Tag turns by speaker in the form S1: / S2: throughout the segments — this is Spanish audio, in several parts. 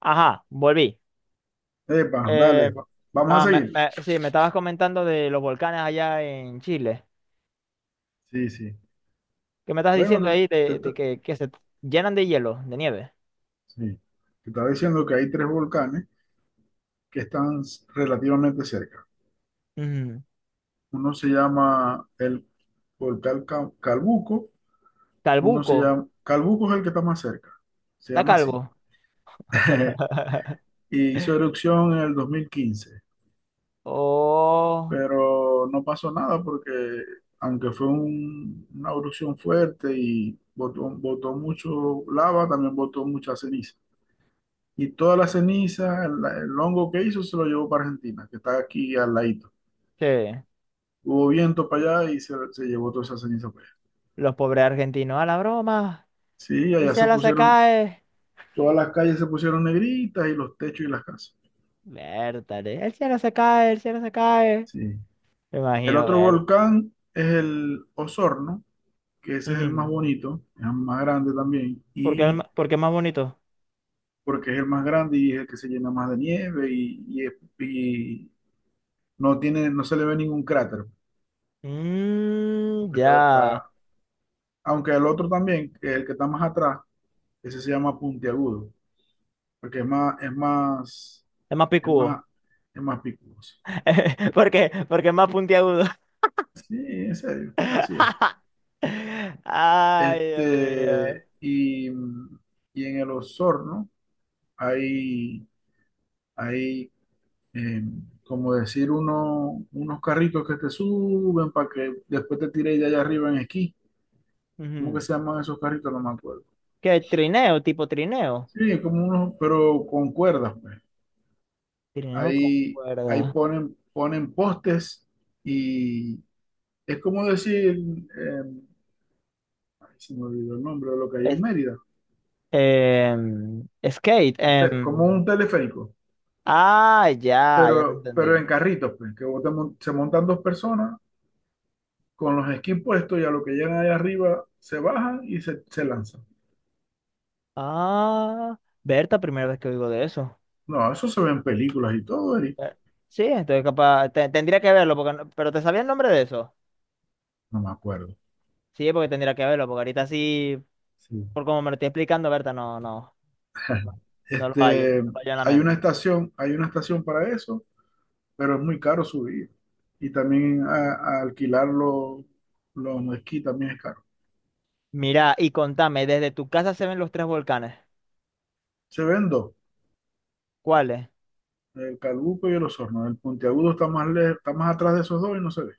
S1: Ajá, volví.
S2: Epa,
S1: Eh,
S2: dale, vamos
S1: ah,
S2: a seguir.
S1: sí, me estabas comentando de los volcanes allá en Chile.
S2: Sí, sí.
S1: ¿Qué me estás diciendo
S2: Bueno,
S1: ahí
S2: te,
S1: de,
S2: te-
S1: de
S2: te-
S1: que se llenan de hielo, de nieve?
S2: sí. Te estaba diciendo que hay tres volcanes que están relativamente cerca.
S1: Mm.
S2: Uno se llama el volcán Ca- Calbuco, uno se
S1: Calbuco,
S2: llama, Calbuco es el que está más cerca, se
S1: está
S2: llama así.
S1: calvo.
S2: Y hizo erupción en el 2015,
S1: Oh,
S2: pero no pasó nada porque aunque fue una erupción fuerte y botó mucho lava, también botó mucha ceniza. Y toda la ceniza, el hongo que hizo, se lo llevó para Argentina, que está aquí al ladito.
S1: sí.
S2: Hubo viento para allá y se llevó toda esa ceniza para allá.
S1: Los pobres argentinos a la broma.
S2: Sí,
S1: El cielo se cae.
S2: todas las calles se pusieron negritas y los techos y las casas.
S1: Vértale. El cielo se cae, el cielo se cae.
S2: Sí.
S1: Me
S2: El
S1: imagino,
S2: otro
S1: ver.
S2: volcán es el Osorno, que ese es el más
S1: Mm.
S2: bonito, es el más grande también,
S1: ¿Por qué,
S2: y
S1: por qué es más bonito?
S2: porque es el más grande y es el que se llena más de nieve y no tiene, no se le ve ningún cráter,
S1: Mm,
S2: porque
S1: ya.
S2: aunque el otro también, que es el que está más atrás. Ese se llama puntiagudo, porque
S1: Es más
S2: es más,
S1: picudo.
S2: es más picudoso.
S1: Porque es más puntiagudo.
S2: Sí, en serio, así es.
S1: Ay, Dios
S2: Este,
S1: mío.
S2: y, y en el Osorno hay, hay eh, como decir, unos carritos que te suben para que después te tires de allá arriba en esquí. ¿Cómo que
S1: Ujú.
S2: se llaman esos carritos? No me acuerdo.
S1: ¿Qué? Trineo, tipo trineo.
S2: Sí, como unos, pero con cuerdas, pues.
S1: Trineo con
S2: Ahí, ahí
S1: cuerda.
S2: ponen postes y, es como decir, eh, ay, se me olvidó el nombre de lo que hay en
S1: Es-
S2: Mérida.
S1: skate.
S2: Como un teleférico,
S1: Ah, ya, ya te
S2: pero en
S1: entendí.
S2: carritos, pues, que vos se montan dos personas con los skis puestos y a lo que llegan allá arriba se bajan y se lanzan.
S1: Ah, Berta, primera vez que oigo de eso.
S2: No, eso se ve en películas y todo, Eri.
S1: Eh, Sí, entonces capaz, tendría que verlo, porque pero ¿te sabía el nombre de eso?
S2: No me acuerdo.
S1: Sí, porque tendría que verlo, porque ahorita sí,
S2: Sí.
S1: por como me lo estoy explicando, Berta, no, no, no, no lo hallo, no
S2: Este,
S1: lo hallo en la
S2: Hay una
S1: mente.
S2: estación para eso, pero es muy caro subir. Y también a alquilar los esquí también es caro.
S1: Mira, y contame, desde tu casa se ven los tres volcanes.
S2: Se ven dos.
S1: ¿Cuáles?
S2: El Calbuco y el Osorno. El puntiagudo está más atrás de esos dos y no se ve.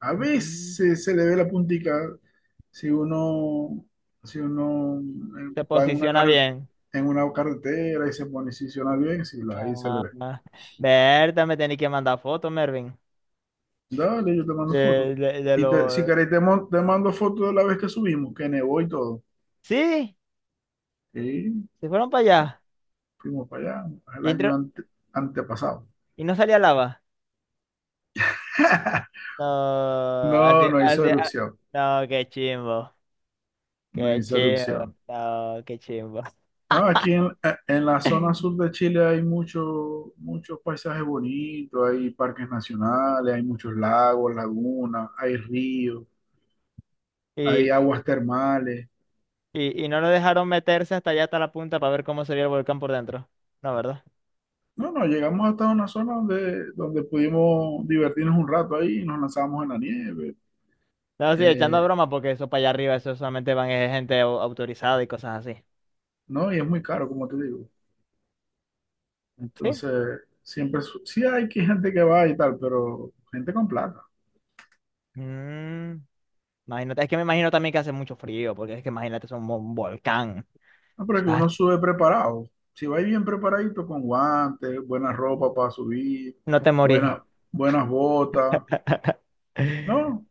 S2: A
S1: Mm,
S2: veces se le ve la puntica si uno,
S1: Se
S2: va
S1: posiciona bien.
S2: en una carretera y se posiciona bien, si la, ahí se le
S1: Ah,
S2: ve.
S1: ah. Berta, me tenés que mandar fotos, Mervin.
S2: Dale, yo te mando fotos.
S1: De
S2: Si
S1: los.
S2: querés, te mando fotos de la vez que subimos, que nevó y todo.
S1: Sí,
S2: Y
S1: se fueron para allá.
S2: fuimos para allá el
S1: Y,
S2: año
S1: entró-
S2: antepasado.
S1: y no salía lava. No,
S2: No,
S1: así,
S2: no hizo
S1: así, ah,
S2: erupción.
S1: no, qué chimbo.
S2: No
S1: Qué
S2: hizo
S1: chimbo.
S2: erupción.
S1: No, qué chimbo.
S2: No, aquí en la zona sur de Chile hay muchos paisajes bonitos, hay parques nacionales, hay muchos lagos, lagunas, hay ríos, hay
S1: Y,
S2: aguas termales.
S1: y no lo dejaron meterse hasta allá, hasta la punta, para ver cómo sería el volcán por dentro. No, ¿verdad?
S2: No, no, llegamos hasta una zona donde pudimos divertirnos un rato ahí y nos lanzamos en la nieve.
S1: No, sí,
S2: Eh,
S1: echando broma, porque eso para allá arriba, eso solamente van gente autorizada y cosas así.
S2: no, y es muy caro, como te digo.
S1: Sí.
S2: Entonces, siempre, sí hay que gente que va y tal, pero gente con plata.
S1: Mm, imagínate, es que me imagino también que hace mucho frío, porque es que imagínate, es un volcán.
S2: No,
S1: O
S2: pero es que
S1: sea,
S2: uno sube preparado. Si vais bien preparadito con guantes, buena ropa para subir,
S1: no te morís.
S2: buenas, buenas botas. No,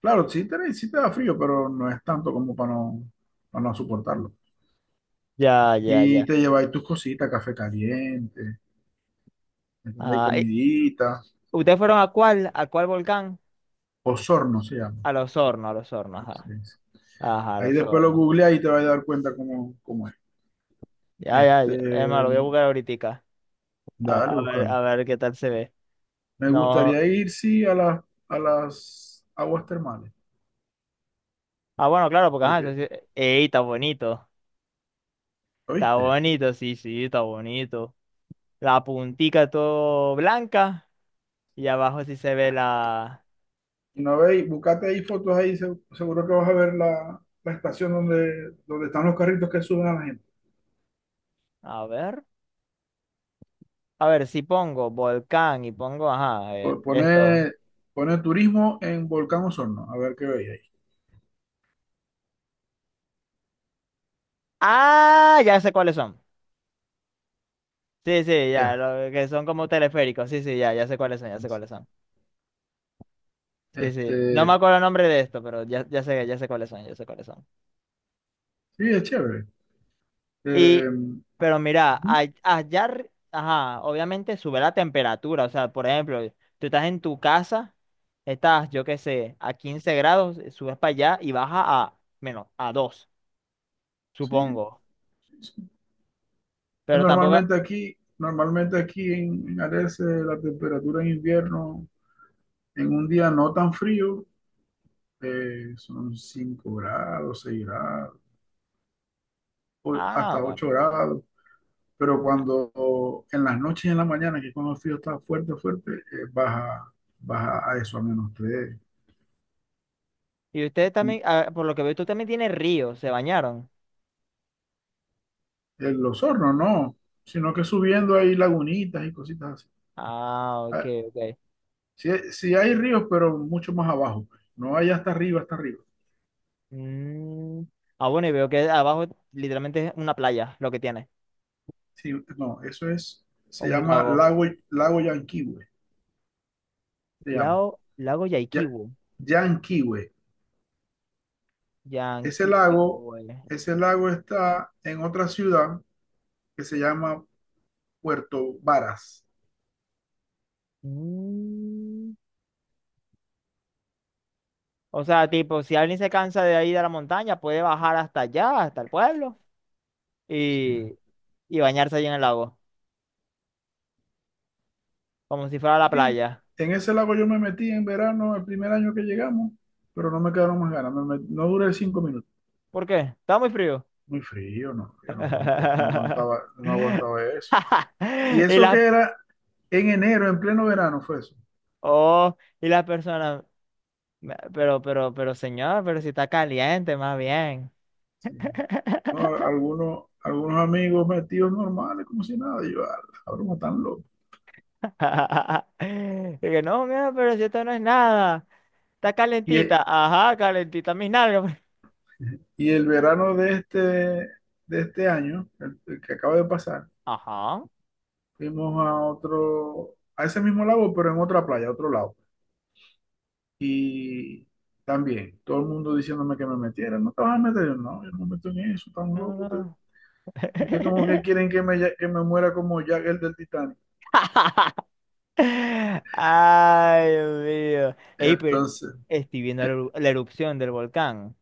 S2: claro, sí te da frío, pero no es tanto como para no soportarlo.
S1: Ya, ya,
S2: Y
S1: ya.
S2: te lleváis tus cositas, café caliente, ¿entendéis?
S1: Ah,
S2: Comidita.
S1: ¿ustedes fueron a cuál? ¿A cuál volcán?
S2: Osorno se llama.
S1: A Los Hornos,
S2: Sí,
S1: ajá.
S2: sí.
S1: Ajá, a
S2: Ahí
S1: Los
S2: después lo
S1: Hornos.
S2: googleáis y te vas a dar cuenta cómo es.
S1: Ya, ya,
S2: Este,
S1: ya. Es más, lo voy a buscar ahorita. A,
S2: Dale,
S1: a ver,
S2: búscalo.
S1: a ver qué tal se ve.
S2: Me
S1: No.
S2: gustaría ir, sí, a las aguas termales.
S1: Ah, bueno, claro, porque ajá, eso
S2: Porque
S1: sí- Ey, está bonito. Está
S2: ¿Oíste?
S1: bonito, sí, sí, está bonito. La puntica todo blanca y abajo sí se ve la.
S2: Y no veis, buscate ahí fotos ahí, seguro que vas a ver la estación donde están los carritos que suben a la gente.
S1: A ver, a ver, si pongo volcán y pongo, ajá,
S2: Po-
S1: esto.
S2: Pone, pone turismo en Volcán Osorno, a ver qué veis ahí.
S1: Ah, ya sé cuáles son. Sí, sí, ya,
S2: Ya.
S1: lo que son como teleféricos. Sí, sí, ya, ya sé cuáles son, ya sé cuáles son. Sí, sí. No me
S2: Este,
S1: acuerdo el nombre de esto, pero ya, ya sé cuáles son, ya sé cuáles son.
S2: sí, es chévere.
S1: Y,
S2: Eh,
S1: pero mira,
S2: Ujú,
S1: allá, ajá, obviamente sube la temperatura. O sea, por ejemplo, tú estás en tu casa, estás, yo qué sé, a 15 grados, subes para allá y baja a menos, a 2
S2: sí,
S1: supongo.
S2: sí, sí.
S1: Pero tampoco.
S2: Normalmente aquí, normalmente aquí en Arese la temperatura en invierno, en un día no tan frío, son 5 grados, 6 grados,
S1: Ah,
S2: hasta
S1: bueno.
S2: 8 grados. Pero cuando en las noches y en la mañana, que cuando el frío está fuerte, fuerte, baja a eso, a -3.
S1: Y ustedes también, ah, por lo que veo, tú también tienes río, se bañaron.
S2: En los hornos no, sino que subiendo hay lagunitas y cositas así.
S1: Ah, ok,
S2: Ah,
S1: ok.
S2: sí, sí hay ríos, pero mucho más abajo. No hay hasta arriba, hasta arriba.
S1: Mm, Ah, bueno, y veo que abajo literalmente es una playa lo que tiene,
S2: Sí, no,
S1: o
S2: se
S1: un
S2: llama
S1: lago.
S2: lago, lago Yanquihue, se llama.
S1: Lago
S2: Ya,
S1: Yaikibu.
S2: Yanquihue. Ese lago,
S1: Yanquiwe.
S2: ese lago está en otra ciudad que se llama Puerto Varas.
S1: Mm. O sea, tipo, si alguien se cansa de ahí de la montaña, puede bajar hasta allá, hasta el pueblo,
S2: Sí.
S1: y, y bañarse allí en el lago, como si fuera la
S2: Sí,
S1: playa.
S2: en ese lago yo me metí en verano, el primer año que llegamos, pero no me quedaron más ganas. No duré 5 minutos.
S1: ¿Por qué? Está muy frío.
S2: Muy frío, no, yo no aguanto, no aguantaba, no aguantaba eso. Y
S1: Y
S2: eso que
S1: las,
S2: era en enero, en pleno verano, fue eso.
S1: oh, y las personas, "Pero señor, pero si está caliente, más bien.
S2: Sí. No, algunos amigos metidos normales, como si nada. Y yo, "Ah, la broma tan loco."
S1: Y que no, mira, pero si esto no es nada, está
S2: Y, e-
S1: calentita. Ajá, calentita mis nalgas.
S2: y el verano de este año, el que acaba de pasar,
S1: Ajá.
S2: fuimos a otro, a ese mismo lago, pero en otra playa, a otro lado. Y también, todo el mundo diciéndome que me metiera. No te vas a meter. Yo, no, yo no me meto en eso, tan
S1: No,
S2: loco.
S1: no.
S2: Ustedes
S1: No.
S2: usted como que quieren que me muera como Jack el del Titanic.
S1: Ay, Dios mío. Ey, pero
S2: Entonces,
S1: estoy viendo la erupción del volcán.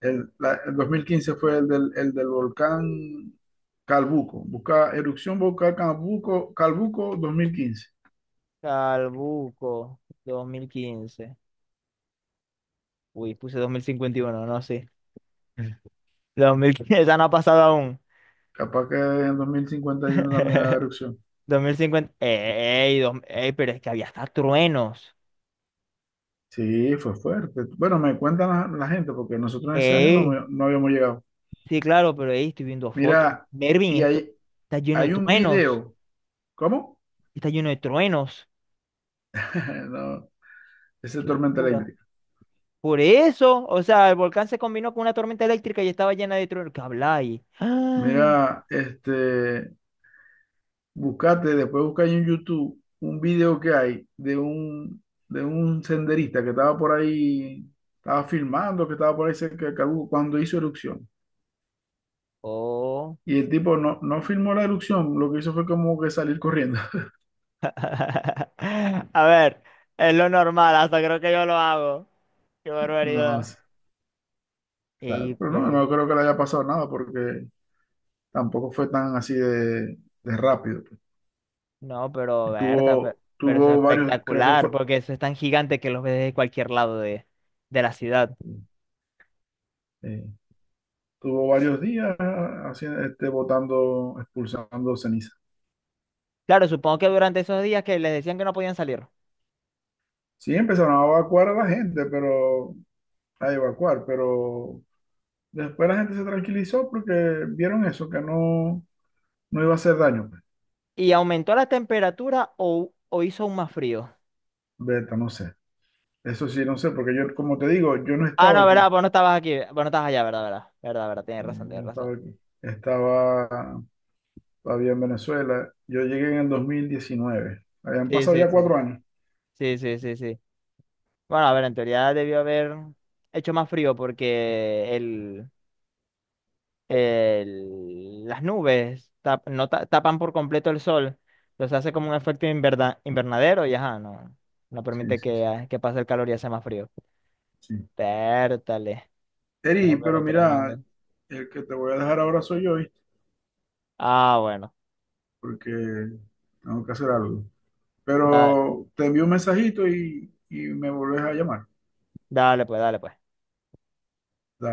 S2: el 2015 fue el del volcán Calbuco. Busca erupción volcán Calbuco, Calbuco 2015.
S1: Calbuco, 2015. Uy, puse 2051, no sé. 2015, esa no ha pasado aún.
S2: Capaz que en 2051 también haga erupción.
S1: 2050. Ey, pero es que había hasta truenos.
S2: Sí, fue fuerte. Bueno, me cuentan la gente porque nosotros en ese año
S1: Ey,
S2: no habíamos llegado.
S1: sí, claro, pero ey, estoy viendo fotos.
S2: Mira,
S1: Mervin,
S2: y
S1: esto
S2: hay,
S1: está lleno de
S2: hay un
S1: truenos.
S2: video. ¿Cómo?
S1: Está lleno de truenos.
S2: No, ese
S1: Qué
S2: tormenta
S1: locura.
S2: eléctrica.
S1: Por eso, o sea, el volcán se combinó con una tormenta eléctrica y estaba llena de truenos. ¿Qué habláis? ¡Ah!
S2: Mira, buscate, después busca ahí en YouTube un video que hay de un senderista que estaba por ahí, estaba filmando, que estaba por ahí cerca de Cabuco cuando hizo erupción.
S1: Oh.
S2: Y el tipo no, no filmó la erupción, lo que hizo fue como que salir corriendo.
S1: A ver, es lo normal, hasta creo que yo lo hago. Qué
S2: No
S1: barbaridad.
S2: sé, claro,
S1: Ey,
S2: pero no,
S1: pero,
S2: no creo que le haya pasado nada porque tampoco fue tan así de rápido, pues.
S1: no, pero
S2: Y
S1: Berta,
S2: tuvo,
S1: pero, eso es
S2: tuvo varios, creo que
S1: espectacular,
S2: fue,
S1: porque eso es tan gigante que los ves desde cualquier lado de la ciudad.
S2: eh, tuvo varios días haciendo, botando, expulsando ceniza.
S1: Claro, supongo que durante esos días que les decían que no podían salir.
S2: Sí, empezaron a evacuar a la gente, pero después la gente se tranquilizó porque vieron eso, que no iba a hacer daño, pues.
S1: ¿Y aumentó la temperatura o hizo aún más frío?
S2: Beta, no sé. Eso sí, no sé, porque yo, como te digo, yo no
S1: Ah,
S2: estaba
S1: no, verdad,
S2: aquí.
S1: vos no estabas aquí. Vos no estabas allá, verdad, verdad. Verdad, verdad, tienes razón, tienes
S2: No
S1: razón.
S2: estaba aquí. Estaba todavía en Venezuela. Yo llegué en el 2019. Habían
S1: Sí,
S2: pasado
S1: sí,
S2: ya
S1: sí.
S2: 4 años.
S1: Sí, sí, sí, sí. Bueno, a ver, en teoría debió haber hecho más frío porque las nubes no tapan por completo el sol. Entonces hace como un efecto invernadero y ajá, no, no
S2: Sí,
S1: permite
S2: sí, sí.
S1: que pase el calor y hace más frío.
S2: Sí.
S1: Pértale.
S2: Eri,
S1: No,
S2: pero
S1: pero
S2: mira,
S1: tremendo.
S2: el que te voy a dejar ahora soy yo,
S1: Ah, bueno.
S2: porque tengo que hacer algo.
S1: Da-
S2: Pero te envío un mensajito y me volvés a llamar.
S1: dale, pues, dale, pues.